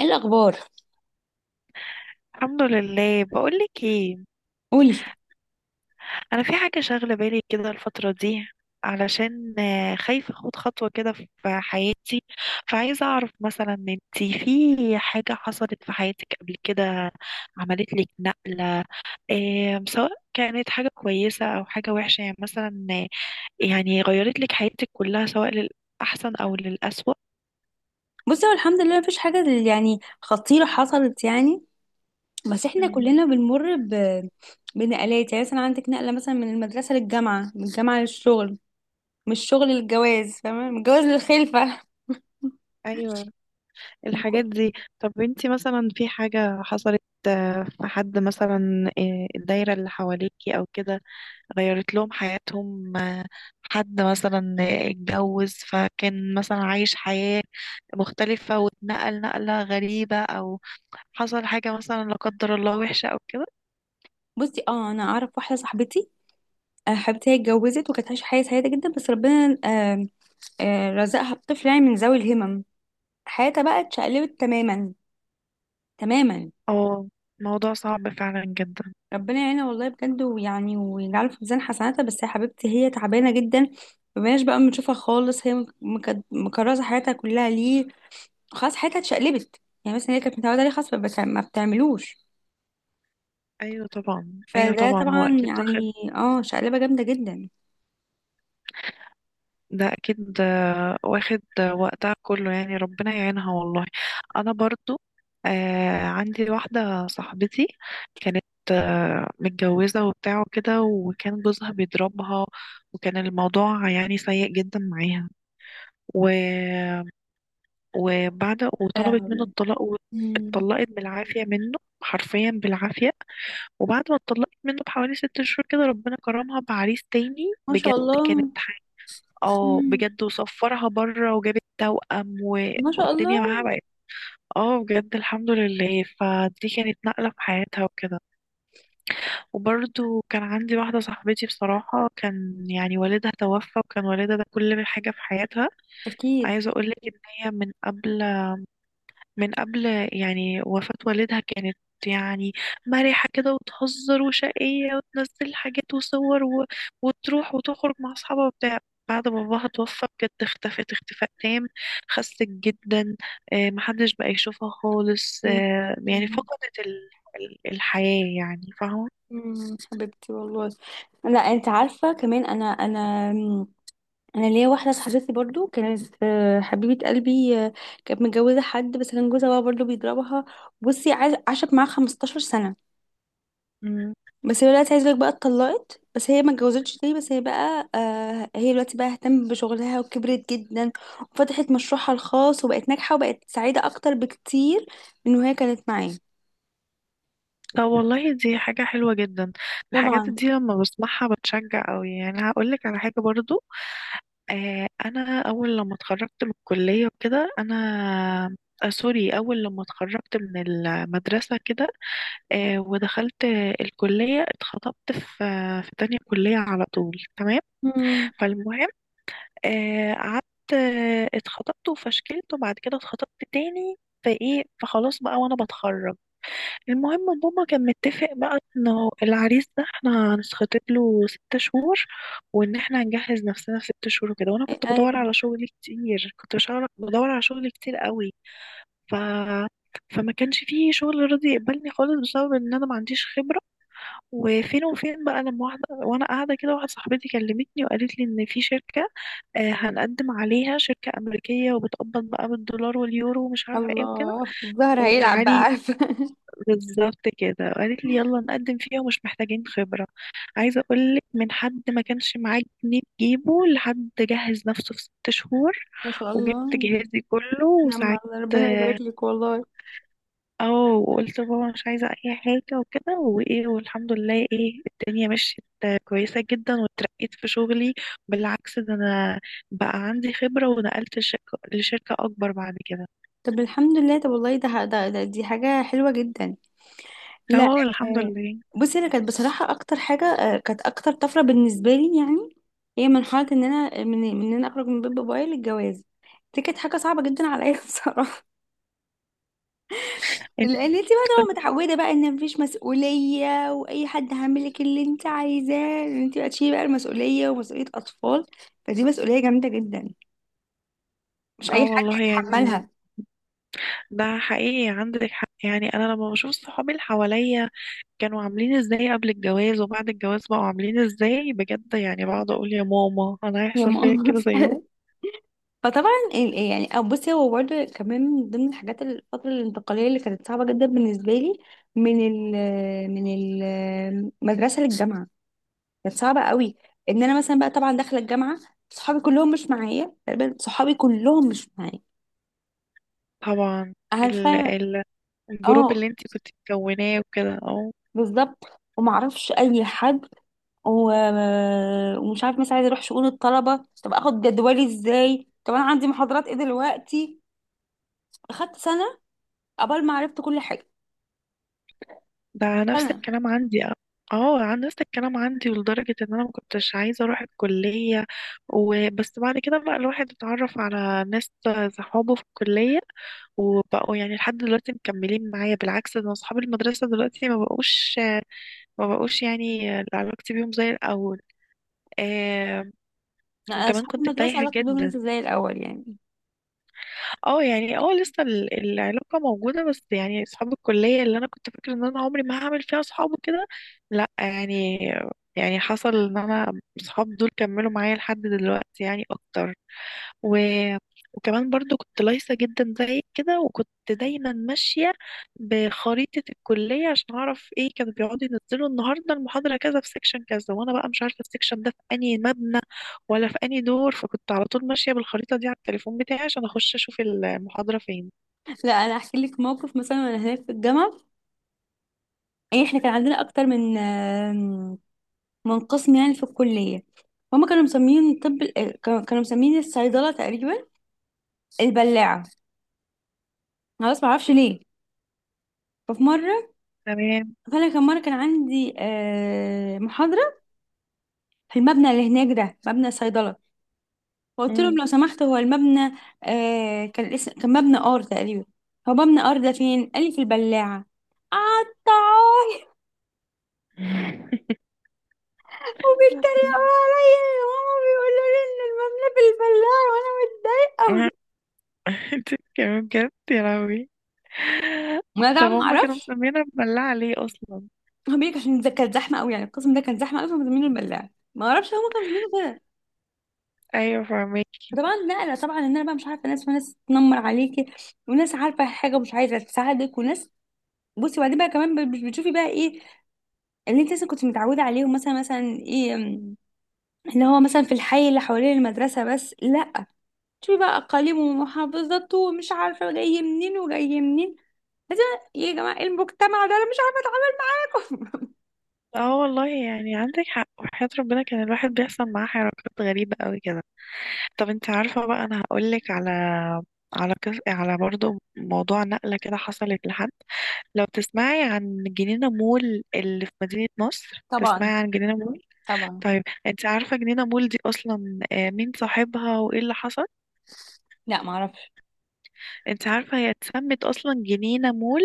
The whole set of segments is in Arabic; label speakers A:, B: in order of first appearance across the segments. A: ايه الاخبار؟
B: الحمد لله. بقولك ايه؟
A: قولي.
B: انا في حاجه شاغله بالي كده الفتره دي، علشان خايفه اخد خطوه كده في حياتي. فعايزه اعرف مثلا انتي في حاجه حصلت في حياتك قبل كده، عملت لك نقله إيه؟ سواء كانت حاجه كويسه او حاجه وحشه يعني، مثلا يعني غيرت لك حياتك كلها، سواء للاحسن او للأسوأ.
A: بصي، هو الحمد لله مفيش حاجه يعني خطيره حصلت، يعني. بس احنا
B: مم.
A: كلنا بنمر بنقلات. يعني مثلا عندك نقله، مثلا من المدرسه للجامعه، من الجامعه للشغل، من الشغل للجواز، فاهمه، من الجواز للخلفه.
B: ايوه،
A: يعني
B: الحاجات
A: كل-
B: دي. طب انتي مثلا في حاجة حصلت، في حد مثلا، الدايرة اللي حواليكي او كده، غيرت لهم حياتهم؟ حد مثلا اتجوز، فكان مثلا عايش حياة مختلفة واتنقل نقلة غريبة، او حصل حاجة مثلا لا قدر الله وحشة او كده.
A: بصي، اه انا اعرف واحده صاحبتي حبيبتي، هي اتجوزت وكانت عايشه حياه سعيده جدا، بس ربنا رزقها بطفل يعني من ذوي الهمم. حياتها بقى اتشقلبت تماما، تماما.
B: اه، موضوع صعب فعلا جدا.
A: ربنا يعينها والله، بجد، ويعني ويجعله في ميزان حسناتها، بس يا حبيبتي هي تعبانه جدا. مبقناش بقى بنشوفها خالص، هي مكرسه حياتها كلها ليه. خلاص، حياتها اتشقلبت. يعني مثلا هي كانت متعوده عليه، خلاص ما بتعملوش.
B: ايوه طبعا، ايوه
A: فده أكيد
B: طبعا، هو
A: طبعا،
B: اكيد.
A: يعني اه، شقلبه جامده جدا.
B: ده اكيد واخد وقتها كله يعني، ربنا يعينها والله. انا برضو عندي واحدة صاحبتي كانت متجوزة وبتاع وكده، وكان جوزها بيضربها، وكان الموضوع يعني سيء جدا معاها. و... وبعد،
A: يا
B: وطلبت منه
A: لهوي.
B: الطلاق
A: مم.
B: واتطلقت بالعافية منه، حرفيا بالعافية. وبعد ما اتطلقت منه بحوالي 6 شهور كده، ربنا كرمها بعريس تاني
A: ما شاء
B: بجد. كانت
A: الله.
B: اه
A: مم.
B: بجد، وصفرها بره وجابت توأم.
A: ما شاء الله.
B: والدنيا معاها بقت اه بجد الحمد لله، فدي كانت نقلة في حياتها وكده. وبرضو كان عندي واحدة صاحبتي، بصراحة كان يعني والدها توفى، وكان والدها ده كل حاجة في حياتها.
A: اكيد.
B: عايزة اقولك ان هي من قبل يعني وفاة والدها كانت يعني مرحة كده، وتهزر وشقية وتنزل حاجات وصور، وتروح وتخرج مع أصحابها وبتاع. بعد باباها توفى بجد، اختفت اختفاء تام، خست جدا، محدش بقى يشوفها خالص،
A: مم.
B: يعني فقدت الحياة يعني، فاهمة؟
A: مم. حبيبتي، والله. لا، انت عارفه كمان، انا ليا واحده صاحبتي برضو، كانت حبيبه قلبي، كانت متجوزه حد، بس كان جوزها بقى برضو بيضربها. بصي عاشت معاه 15 سنه.
B: مم.
A: بس هي دلوقتي عايزه لك بقى، اتطلقت، بس هي ما اتجوزتش تاني، بس هي بقى هي دلوقتي بقى اهتمت بشغلها وكبرت جدا، وفتحت مشروعها الخاص وبقت ناجحه وبقت سعيده اكتر بكتير من وهي كانت معاه.
B: طب والله دي حاجة حلوة جدا. الحاجات
A: طبعا.
B: دي لما بسمعها بتشجع قوي يعني، هقولك على حاجة برضو. انا اول لما اتخرجت من الكليه وكده، انا سوري، اول لما اتخرجت من المدرسه كده ودخلت الكليه، اتخطبت في في تانية كليه على طول، تمام.
A: امم.
B: فالمهم قعدت اتخطبت وفشكلت، وبعد كده اتخطبت تاني. فايه، فخلاص بقى وانا بتخرج. المهم بابا كان متفق بقى انه العريس ده احنا هنتخطب له 6 شهور، وان احنا هنجهز نفسنا في 6 شهور وكده. وانا كنت بدور
A: ايوه.
B: على شغل كتير، كنت بدور على شغل كتير قوي. ف فما كانش فيه شغل راضي يقبلني خالص بسبب ان انا ما عنديش خبرة. وفين بقى لما واحدة، وانا قاعدة كده، واحدة صاحبتي كلمتني وقالت لي ان في شركة هنقدم عليها، شركة أمريكية وبتقبض بقى بالدولار واليورو ومش عارفة ايه وكده،
A: الله، الظهر هيلعب بقى،
B: وتعالي.
A: عارفه.
B: بالظبط كده قالت لي يلا نقدم فيها ومش محتاجين خبرة. عايزة اقولك من حد ما كانش معاه جنيه تجيبه لحد جهز نفسه في 6 شهور،
A: ما شاء
B: وجبت
A: الله.
B: جهازي كله
A: نعم
B: وساعدت.
A: الله، ربنا يبارك لك والله.
B: اه، وقلت بابا مش عايزة اي حاجة وكده، وايه، والحمد لله ايه، الدنيا مشيت كويسة جدا، واترقيت في شغلي. بالعكس، ده انا بقى عندي خبرة ونقلت لشركة اكبر بعد كده.
A: طب الحمد لله. طب والله ده ده ده دي حاجة حلوة جدا. لا.
B: تمام الحمد لله.
A: بصي، انا كانت بصراحة اكتر حاجة كانت اكتر طفرة بالنسبة لي، يعني هي مرحلة ان انا اخرج من بيت بابايا للجواز. دي كانت حاجة صعبة جدا عليا بصراحة.
B: انت
A: لان انت بقى
B: كنت
A: طبعا متعودة بقى ان مفيش مسؤولية، واي حد هيعمل لك اللي انت عايزاه، ان انت بقى تشيلي بقى المسؤولية، ومسؤولية اطفال. فدي مسؤولية جامدة جدا، مش اي
B: اه
A: حد
B: والله يعني،
A: يتحملها.
B: ده حقيقي عندك حق يعني. انا لما بشوف صحابي اللي حواليا كانوا عاملين ازاي قبل الجواز، وبعد الجواز بقوا عاملين ازاي بجد يعني، بقعد اقول يا ماما انا
A: يا
B: هيحصل فيا
A: ماما.
B: كده زيهم.
A: فطبعا يعني أو بصي، هو برضه كمان من ضمن الحاجات، الفترة الانتقالية اللي كانت صعبة جدا بالنسبة لي، من ال من المدرسة للجامعة، كانت صعبة قوي. ان انا مثلا بقى طبعا داخلة الجامعة، صحابي كلهم مش معايا، تقريبا صحابي كلهم مش معايا،
B: طبعا، ال
A: عارفة.
B: ال الجروب
A: اه،
B: اللي انت كنت مكوناه وكده، اه.
A: بالظبط. ومعرفش اي حد، ومش عارف، مثلا عايزة اروح شؤون الطلبة، طب اخد جدولي ازاي، طب انا عندي محاضرات ايه دلوقتي. اخدت سنة قبل ما عرفت كل حاجة،
B: ده نفس
A: سنة.
B: الكلام عندي، اه، عن نفس الكلام عندي، لدرجة ان انا ما كنتش عايزة اروح الكلية. وبس بعد كده بقى الواحد اتعرف على ناس صحابه في الكلية، وبقوا يعني لحد دلوقتي مكملين معايا. بالعكس ده، اصحاب المدرسة دلوقتي ما بقوش يعني، علاقتي بيهم زي الاول. آه.
A: لا،
B: وكمان
A: اصحاب
B: كنت
A: المدرسه
B: تايهة
A: علاقتي بيهم
B: جدا.
A: لسه زي الاول يعني.
B: اه يعني، اه لسه العلاقة موجودة، بس يعني اصحاب الكلية اللي انا كنت فاكرة ان انا عمري ما هعمل فيها اصحاب وكده، لا يعني، يعني حصل ان انا اصحاب دول كملوا معايا لحد دلوقتي يعني اكتر. و... وكمان برضو كنت لايصة جدا زي كده، وكنت دايما ماشية بخريطة الكلية عشان أعرف ايه كانوا بيقعدوا ينزلوا النهاردة، المحاضرة كذا في سيكشن كذا، وأنا بقى مش عارفة السيكشن ده في أنهي مبنى ولا في أنهي دور، فكنت على طول ماشية بالخريطة دي على التليفون بتاعي عشان أخش أشوف المحاضرة فين.
A: لا انا احكي لك موقف مثلا وانا هناك في الجامعه. يعني احنا كان عندنا اكتر من من قسم يعني في الكليه. هما كانوا مسمين، كانوا مسمين الصيدله تقريبا البلاعه، خلاص ما اعرفش ليه. ففي مره،
B: تمام.
A: فانا كان مره كان عندي محاضره في المبنى اللي هناك ده، مبنى الصيدله. فقلت لهم
B: مم.
A: لو سمحت هو المبنى كان الاسم، كان مبنى ار تقريبا. هو مبنى ار ده فين؟ قال لي في البلاعه. قعدت وبيتريقوا عليا، وماما بيقولوا لي ان المبنى بالبلال وانا متضايقه،
B: انت كمان بجد، يا لهوي.
A: وانا
B: طب
A: طبعا ما
B: هما كانوا
A: اعرفش.
B: مسمينا مبلعة ليه أصلا؟
A: هو بيقولك عشان ده كان زحمه قوي، يعني القسم ده كان زحمه قوي، فكانوا مسمينه البلاع، ما اعرفش هما كانوا مسمينه كده.
B: أيوة فاهمة.
A: فطبعا نقله، طبعا ان انا بقى مش عارفه ناس، وناس تنمر عليكي، وناس عارفه حاجه ومش عايزه تساعدك، وناس. بصي، وبعدين بقى كمان بتشوفي بقى ايه اللي انت مثلا كنت متعوده عليهم، مثلا مثلا ايه م، اللي هو مثلا في الحي اللي حوالين المدرسه بس، لا. شوفي بقى اقاليم ومحافظات ومش عارفه جاي منين وجاي منين. لازم. يا جماعة المجتمع ده أنا مش عارفة أتعلم.
B: اه والله يعني عندك حق، وحياة ربنا كان الواحد بيحصل معاه حركات غريبة قوي كده. طب انت عارفة بقى، انا هقولك على على برضو موضوع نقلة كده حصلت لحد. لو تسمعي عن جنينة مول اللي في مدينة نصر،
A: طبعا.
B: تسمعي عن جنينة مول؟
A: طبعا.
B: طيب انت عارفة جنينة مول دي اصلا مين صاحبها وايه اللي حصل؟
A: لا، ما اعرفش.
B: انت عارفة هي اتسمت اصلا جنينة مول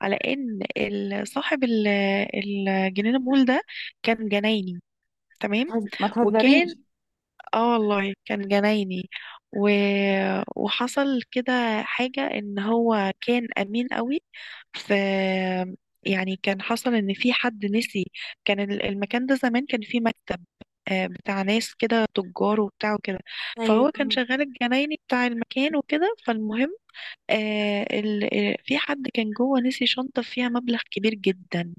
B: على ان صاحب الجنينة مول ده كان جنايني، تمام.
A: ما
B: وكان
A: تهزريش.
B: اه والله كان جنايني. و... وحصل كده حاجة ان هو كان امين قوي. ف يعني كان حصل ان في حد نسي. كان المكان ده زمان كان فيه مكتب بتاع ناس كده تجار وبتاع وكده. فهو كان
A: أيوة.
B: شغال الجنايني بتاع المكان وكده. فالمهم آه ال... آه، في حد كان جوه نسي شنطة فيها مبلغ كبير جدا.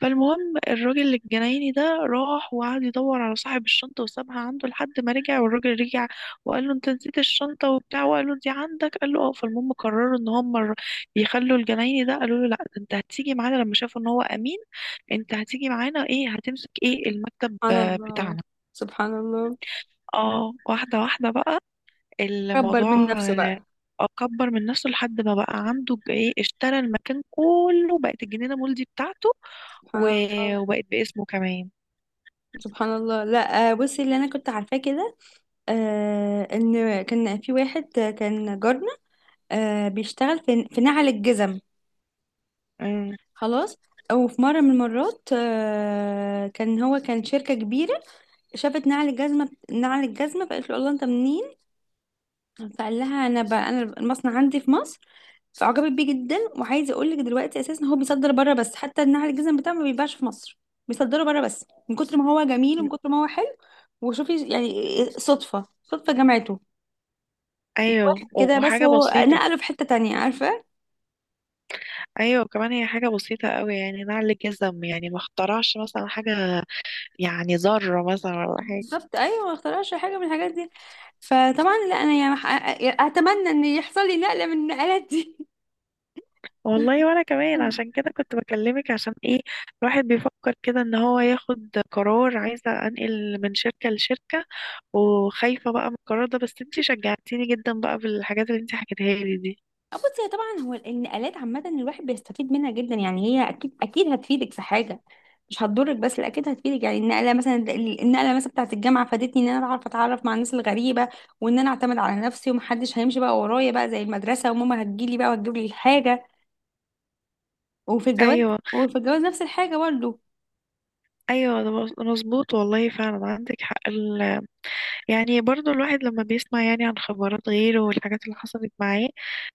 B: فالمهم الراجل الجنايني ده راح وقعد يدور على صاحب الشنطة وسابها عنده لحد ما رجع. والراجل رجع وقال له انت نسيت الشنطة وبتاع، وقال له دي عندك، قال له اه. فالمهم قرروا ان هم يخلوا الجنايني ده، قالوا له لا، ده انت هتيجي معانا. لما شافوا ان هو امين، انت هتيجي معانا، ايه، هتمسك ايه المكتب
A: سبحان الله.
B: بتاعنا.
A: سبحان الله.
B: اه، واحدة واحدة بقى
A: كبر
B: الموضوع
A: من نفسه بقى.
B: اكبر من نفسه، لحد ما بقى عنده ايه، اشترى المكان كله. بقت الجنينة مول دي بتاعته،
A: سبحان الله.
B: وبقت باسمه كمان.
A: سبحان الله. لا، بصي اللي أنا كنت عارفاه كده، ان كان في واحد كان جارنا، بيشتغل في نعل الجزم.
B: مم.
A: خلاص. او في مره من المرات، كان هو كان شركه كبيره شافت نعل الجزمه، نعل الجزمه، فقالت له الله، انت منين؟ فقال لها انا بقى، انا المصنع عندي في مصر. فعجبت بيه جدا. وعايزه اقول لك دلوقتي اساسا هو بيصدر بره، بس حتى النعل الجزم بتاعه ما بيباعش في مصر، بيصدره بره بس من كتر ما هو جميل ومن كتر ما هو حلو. وشوفي يعني صدفه، صدفه جمعته
B: ايوه،
A: كده، بس
B: وحاجه
A: هو
B: بسيطه.
A: نقله في حته تانية، عارفه.
B: ايوه كمان، هي حاجه بسيطه قوي يعني نعل جزم، يعني ما اخترعش مثلا حاجه، يعني ذره مثلا ولا حاجه.
A: بالظبط، ايوه. ما اخترعش حاجه من الحاجات دي. فطبعا لا انا يعني اتمنى ان يحصل لي نقله من النقلات دي.
B: والله وانا كمان عشان كده كنت بكلمك، عشان ايه الواحد بيفكر كده ان هو ياخد قرار، عايزه انقل من شركه لشركه، وخايفه بقى من القرار ده، بس انتي شجعتيني جدا بقى بالحاجات اللي انتي حكيتها لي دي.
A: بصي هي طبعا، هو النقلات عامة الواحد بيستفيد منها جدا. يعني هي أكيد أكيد هتفيدك في حاجة، مش هتضرك، بس لا، أكيد هتفيدك. يعني النقلة مثلا، بتاعة الجامعة فادتني إن أنا أعرف أتعرف مع الناس الغريبة، وإن أنا أعتمد على نفسي ومحدش هيمشي بقى ورايا بقى زي المدرسة وماما هتجيلي بقى وتجيب لي الحاجة. وفي الجواز
B: ايوه،
A: وفي الجواز نفس الحاجة برضه.
B: ايوه، ده مظبوط والله، فعلا عندك حق. يعني برضو الواحد لما بيسمع يعني عن خبرات غيره والحاجات اللي حصلت معاه،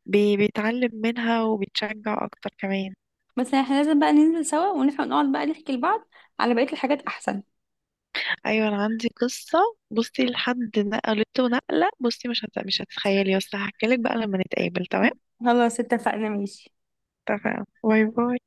B: بيتعلم منها وبيتشجع اكتر كمان.
A: بس احنا لازم بقى ننزل سوا ونفهم، نقعد بقى نحكي لبعض على بقية الحاجات أحسن.
B: ايوه انا عندي قصة. بصي لحد نقلته نقلة، بصي مش هتتخيلي، بس هحكي لك بقى لما نتقابل، تمام.
A: خلاص اتفقنا، ماشي.
B: تمام، باي باي.